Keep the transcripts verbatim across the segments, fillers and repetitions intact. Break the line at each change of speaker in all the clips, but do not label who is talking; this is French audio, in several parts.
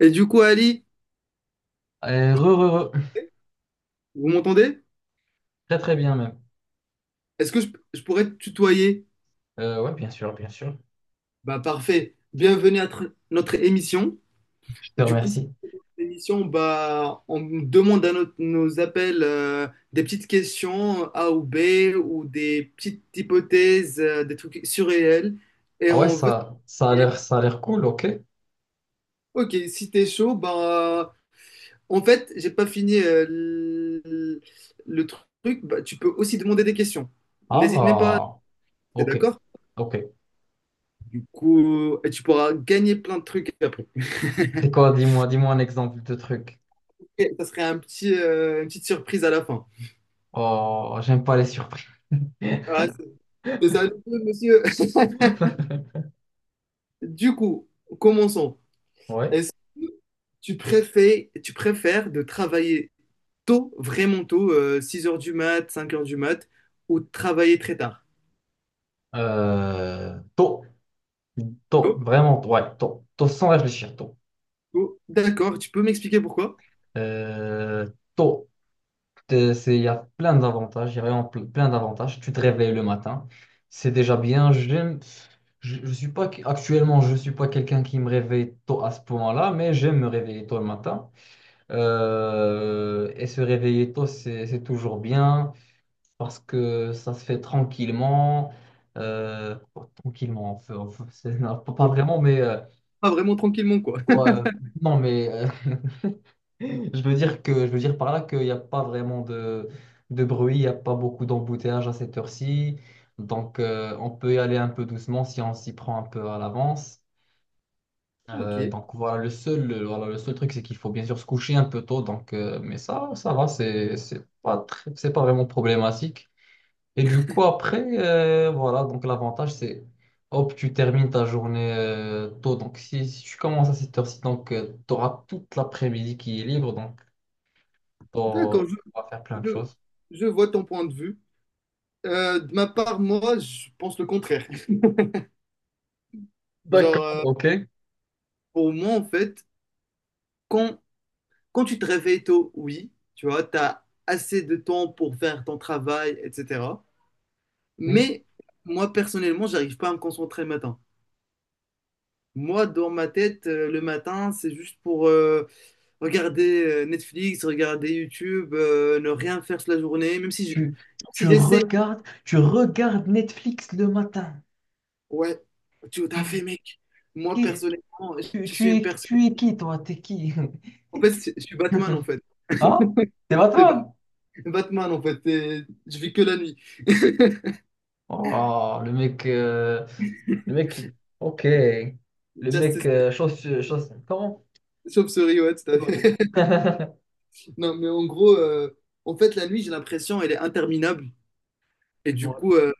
Et du coup, Ali,
Euh, re, re, re.
vous m'entendez?
Très très bien même.
Est-ce que je, je pourrais te tutoyer?
Euh, ouais, bien sûr, bien sûr.
Bah parfait. Bienvenue à tr- notre émission.
Je te
Du coup,
remercie.
cette émission, bah, on demande à nos, nos appels euh, des petites questions A ou B ou des petites hypothèses, euh, des trucs surréels. Et
Ah ouais,
on veut.
ça, ça a l'air, ça a l'air cool, ok.
Ok, si t'es chaud, bah en fait, j'ai pas fini euh, l- le truc. Bah, tu peux aussi demander des questions. N'hésite même pas.
Ah,
T'es
ok,
d'accord?
ok.
Du coup, euh, et tu pourras gagner plein de trucs après.
C'est quoi, dis-moi, dis-moi un exemple de truc.
Et ça serait un petit, euh, une petite surprise à la fin.
Oh, j'aime pas les surprises.
Ah, c'est c'est ça, le jeu, monsieur. Du coup, commençons.
Ouais.
Est-ce que tu préfères, tu préfères de travailler tôt, vraiment tôt, euh, six heures du mat, cinq heures du mat, ou de travailler très tard?
Euh, tôt, tôt,
Oh,
vraiment, ouais, tôt, tôt, sans réfléchir, tôt.
oh, d'accord, tu peux m'expliquer pourquoi?
Euh, tôt. euh, c'est, il y a plein d'avantages, il y a vraiment ple- plein d'avantages. Tu te réveilles le matin, c'est déjà bien. J'aime, je, je suis pas, actuellement, je suis pas quelqu'un qui me réveille tôt à ce point-là, mais j'aime me réveiller tôt le matin. Euh, et se réveiller tôt, c'est, c'est toujours bien parce que ça se fait tranquillement. Euh, bon, tranquillement, enfin fait- c'est- non, pas pas
Oh,
vraiment, mais euh,
pas vraiment tranquillement, quoi.
ouais, non, mais euh, Je veux dire que, je veux dire par là qu'il n'y a pas vraiment de, de bruit, il n'y a pas beaucoup d'embouteillage à cette heure-ci. Donc, euh, on peut y aller un peu doucement si on s'y prend un peu à l'avance.
Ok,
Euh, donc, voilà, le seul, le- voilà, le seul truc, c'est qu'il faut bien sûr se coucher un peu tôt. Donc, euh, mais ça, ça va, c'est, c'est pas très- c'est pas vraiment problématique. Et du coup, après, euh, voilà, donc l'avantage, c'est hop, tu termines ta journée euh, tôt. Donc, si, si tu commences à cette heure-ci, donc, tu auras toute l'après-midi qui est libre. Donc, pour
d'accord,
tu
je,
pourras faire plein de
je-
choses.
je vois ton point de vue. Euh, de ma part, moi, je pense le contraire.
D'accord,
Genre, euh,
ok.
pour moi, en fait, quand, quand tu te réveilles tôt, oui, tu vois, tu as assez de temps pour faire ton travail, et cetera.
Mais
Mais moi, personnellement, j'arrive pas à me concentrer le matin. Moi, dans ma tête, euh, le matin, c'est juste pour euh, regarder euh, Netflix, regarder YouTube, euh, ne rien faire sur la journée, même si je-
tu,
même si
tu
j'essaie.
regardes, tu regardes Netflix le matin.
Ouais, tu t'as fait, mec. Moi,
Qui-
personnellement, je
tu,
je suis
tu
une
es,
personne.
tu es qui, toi? T'es qui?
En fait, je je suis Batman, en fait.
Ah, c'est pas
C'est Ba-
toi?
Batman, en fait. Et je vis que la nuit.
Oh, le mec, euh, le mec, ok. Le mec,
Justice
euh, chose, chose, comment?
sauf souris, ouais, tout à
Oui.
fait. Non, mais en gros, euh, en fait, la nuit, j'ai l'impression, elle est interminable. Et du
Ouais,
coup, euh,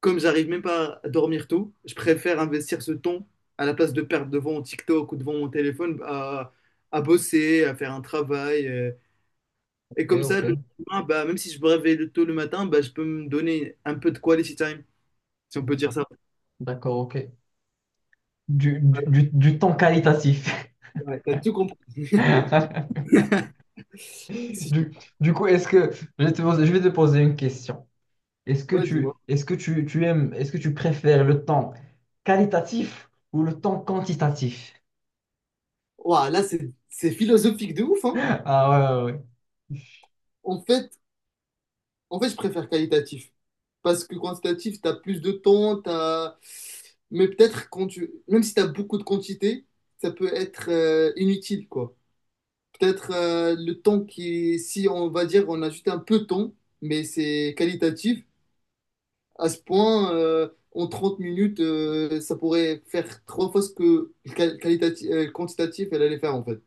comme j'arrive même pas à dormir tôt, je préfère investir ce temps à la place de perdre devant mon TikTok ou devant mon téléphone à, à bosser, à faire un travail. Euh, et
ok,
comme ça, le
ok.
lendemain, bah, même si je me réveille le- tôt le matin, bah, je peux me donner un peu de quality time, si on peut dire
D'accord,
ça.
d'accord, ok. Du, du, du, du temps qualitatif.
Ouais, t'as tout compris. Si,
Du, du coup, est-ce que je vais te poser, je vais te poser une question. Est-ce que
ouais, dis-moi.
tu, est-ce que tu, tu aimes, est-ce que tu préfères le temps qualitatif ou le temps quantitatif?
Ouah, là, c'est c'est philosophique de ouf, hein.
Ah ouais, ouais, ouais.
En fait, en fait, je préfère qualitatif. Parce que quantitatif, tu as plus de temps, t'as… mais peut-être quand tu… même si tu as beaucoup de quantité, ça peut être euh, inutile, quoi. Peut-être euh, le temps qui, si on va dire, on a juste un peu de temps, mais c'est qualitatif, à ce point, euh, en trente minutes, euh, ça pourrait faire trois fois ce que le qual- qualitati- euh, le quantitatif, elle allait faire, en fait.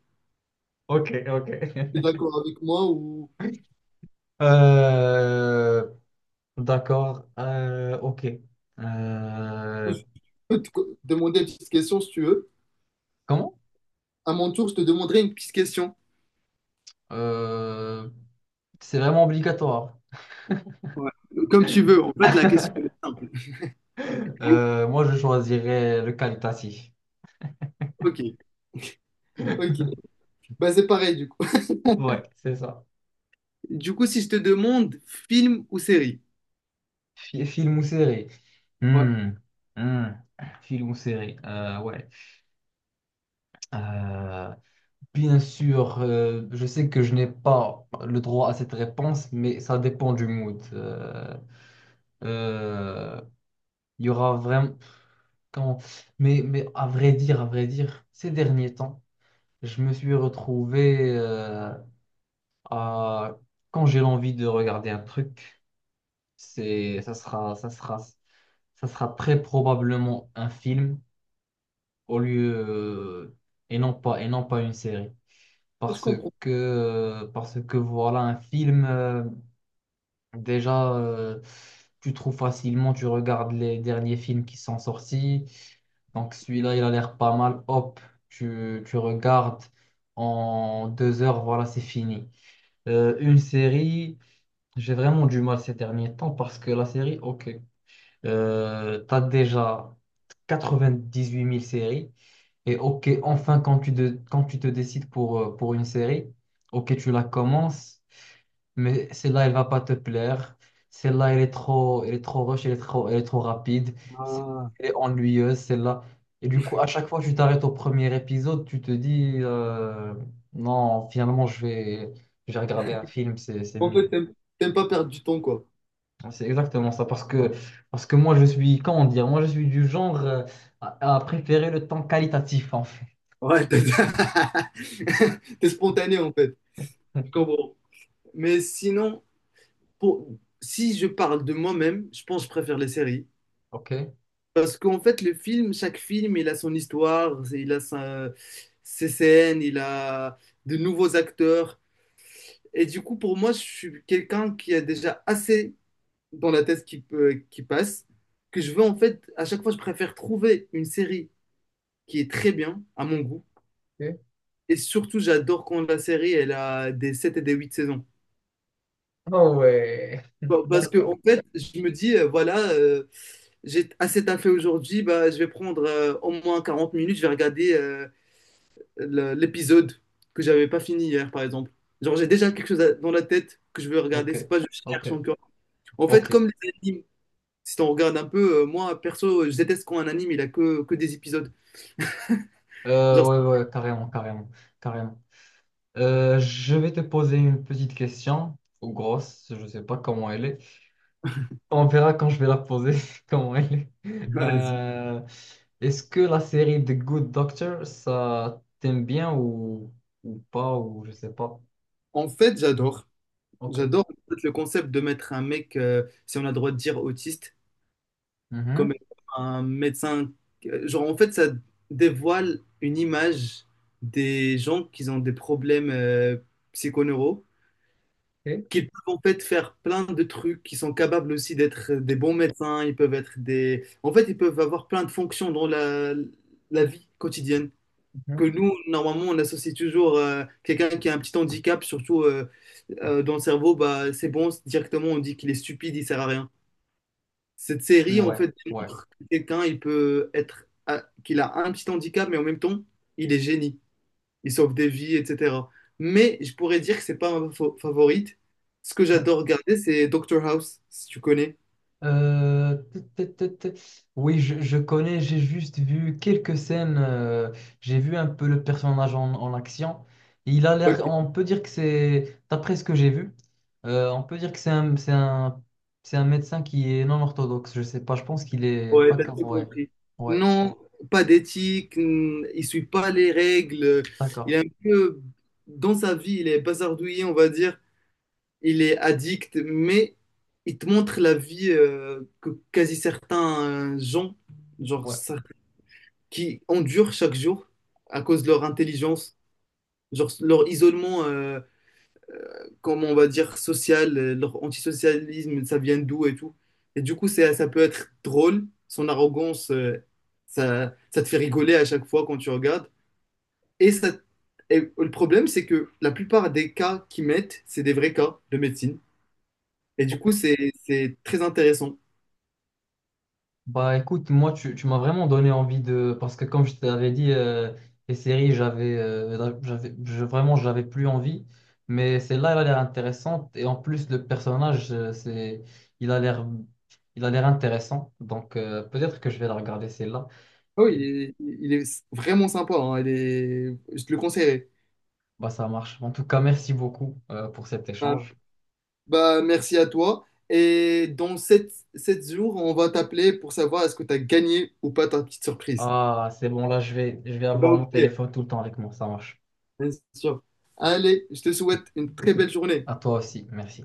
Ok, ok.
Tu es d'accord avec moi ou…
Euh, d'accord. euh, ok.
ou
Euh,
je peux te co- demander une petite question si tu veux.
comment?
À mon tour, je te demanderai une petite question.
Euh, c'est vraiment obligatoire.
Ouais. Comme tu veux. En fait, la question est simple.
Euh, moi, je choisirais le qualitatif.
Ok, ok. Bah, c'est pareil du coup.
Ouais, c'est ça.
Du coup, si je te demande film ou série?
Fi- Film ou série?
Ouais.
Hmm, hmm. Film ou série, euh, ouais. Euh, bien sûr, euh, je sais que je n'ai pas le droit à cette réponse, mais ça dépend du mood. Euh, euh, Il y aura vraiment... Quand... Mais, mais à vrai dire, à vrai dire, ces derniers temps, je me suis retrouvé euh, à... Quand j'ai l'envie de regarder un truc, c'est... ça sera, ça sera, ça sera très probablement un film, au lieu euh, et non pas et non pas une série
Je
parce
comprends.
que euh, parce que voilà, un film, euh, déjà euh, tu trouves facilement, tu regardes les derniers films qui sont sortis, donc celui-là il a l'air pas mal, hop, tu, tu regardes, en deux heures voilà c'est fini. Euh, une série, j'ai vraiment du mal ces derniers temps parce que la série, ok, euh, t'as déjà quatre-vingt-dix-huit mille séries, et ok, enfin, quand tu, de- quand tu te décides pour, euh, pour une série, ok, tu la commences, mais celle-là, elle va pas te plaire. Celle-là, elle est trop, elle est trop rush, elle est trop, elle est trop rapide. Celle-là,
Ah.
elle est ennuyeuse, celle-là. Et du coup, à chaque fois que tu t'arrêtes au premier épisode, tu te dis, euh, non, finalement, je vais, je vais regarder un film. C'est, c'est,
En
mieux.
fait, t'aimes t'aimes pas perdre du temps, quoi.
C'est exactement ça. Parce que, parce que moi, je suis, comment dire, moi, je suis du genre, euh, à, à préférer le temps qualitatif, en fait.
Ouais, t'as… T'es spontané, en fait. Je comprends. Mais sinon, pour… si je parle de moi-même, je pense que je préfère les séries.
Ok?
Parce qu'en fait, le film, chaque film, il a son histoire, il a sa- ses scènes, il a de nouveaux acteurs. Et du coup, pour moi, je suis quelqu'un qui a déjà assez dans la tête qui, peut- qui passe, que je veux en fait, à chaque fois, je préfère trouver une série qui est très bien, à mon goût. Et surtout, j'adore quand la série, elle a des sept et des huit saisons.
Ah ouais,
Pa- Parce que,
d'accord.
en fait, je me dis, euh, voilà, euh, j'ai assez taffé aujourd'hui, bah, je vais prendre euh, au moins quarante minutes, je vais regarder euh, le- l'épisode que j'avais pas fini hier, par exemple. Genre, j'ai déjà quelque chose à- dans la tête que je veux regarder,
Ok,
c'est pas je
ok,
cherche encore. En fait,
ok.
comme les animes, si on regarde un peu, euh, moi, perso, je déteste quand un anime, il a que, que des épisodes.
Euh,
Genre,
ouais, ouais, carrément, carrément, carrément. Euh, je vais te poser une petite question, ou grosse, je sais pas comment elle est. On verra quand je vais la poser, comment elle est.
vas-y.
Euh, est-ce que la série The Good Doctor, ça t'aime bien ou, ou pas, ou je sais pas.
En fait, j'adore.
Ok.
J'adore en fait, le concept de mettre un mec, euh, si on a le droit de dire autiste, comme
Mhm.
un médecin. Euh, genre, en fait, ça dévoile une image des gens qui ont des problèmes euh, psychoneuraux,
Ok.
qu'ils peuvent en fait faire plein de trucs, qui sont capables aussi d'être des bons médecins, ils peuvent être des… En fait, ils peuvent avoir plein de fonctions dans la, la vie quotidienne. Que nous, normalement, on associe toujours euh, quelqu'un qui a un petit handicap, surtout euh, euh, dans le cerveau, bah, c'est bon, c'est- directement on dit qu'il est stupide, il sert à rien. Cette
Mhm.
série, en
Ouais,
fait,
ouais,
démontre que quelqu'un, il peut être, à- qu'il a un petit handicap, mais en même temps, il est génie, il sauve des vies, et cetera. Mais je pourrais dire que c'est pas ma fa- favorite. Ce que
ouais.
j'adore regarder, c'est Doctor House, si tu connais.
Euh, tut, tut, tut, tut. Oui, je, je connais, j'ai juste vu quelques scènes, euh, j'ai vu un peu le personnage en, en action. Il a l'air, on peut dire que c'est, d'après ce que j'ai vu, euh, on peut dire que c'est un, c'est un, c'est un médecin qui est non orthodoxe, je sais pas, je pense qu'il est
Ouais,
pas
t'as
comme,
tout
ouais,
compris.
ouais,
Non, pas d'éthique, hmm, il suit pas les règles, il
d'accord,
est un peu, dans sa vie, il est bazardouillé, on va dire, il est addict, mais il te montre la vie euh, que quasi certains euh, gens, genre,
ouais.
ça- qui endurent chaque jour à cause de leur intelligence, genre leur isolement, euh, comment on va dire, social, euh, leur antisocialisme, ça vient d'où et tout. Et du coup, c'est, ça peut être drôle. Son arrogance, euh, ça, ça te fait rigoler à chaque fois quand tu regardes. Et ça, et le problème, c'est que la plupart des cas qu'ils mettent, c'est des vrais cas de médecine. Et du coup, c'est, c'est très intéressant.
Bah écoute, moi tu, tu m'as vraiment donné envie de... Parce que comme je t'avais dit, euh, les séries, j'avais, euh, j'avais, je- vraiment, j'avais plus envie. Mais celle-là, elle a l'air intéressante. Et en plus, le personnage, euh, c'est, il a l'air, il a l'air intéressant. Donc euh, peut-être que je vais la regarder celle-là.
Oh, il
Et
est, il est vraiment sympa, hein. Il est, je te le conseillerais.
bah ça marche. En tout cas, merci beaucoup euh, pour cet
Bah,
échange.
bah, merci à toi. Et dans sept sept jours, on va t'appeler pour savoir est-ce que tu as gagné ou pas ta petite surprise.
Ah, c'est bon, là, je vais, je vais
Faut pas
avoir mon
oublier,
téléphone tout le temps avec moi. Ça marche.
bien sûr. Allez, je te souhaite une très belle journée.
À toi aussi, merci.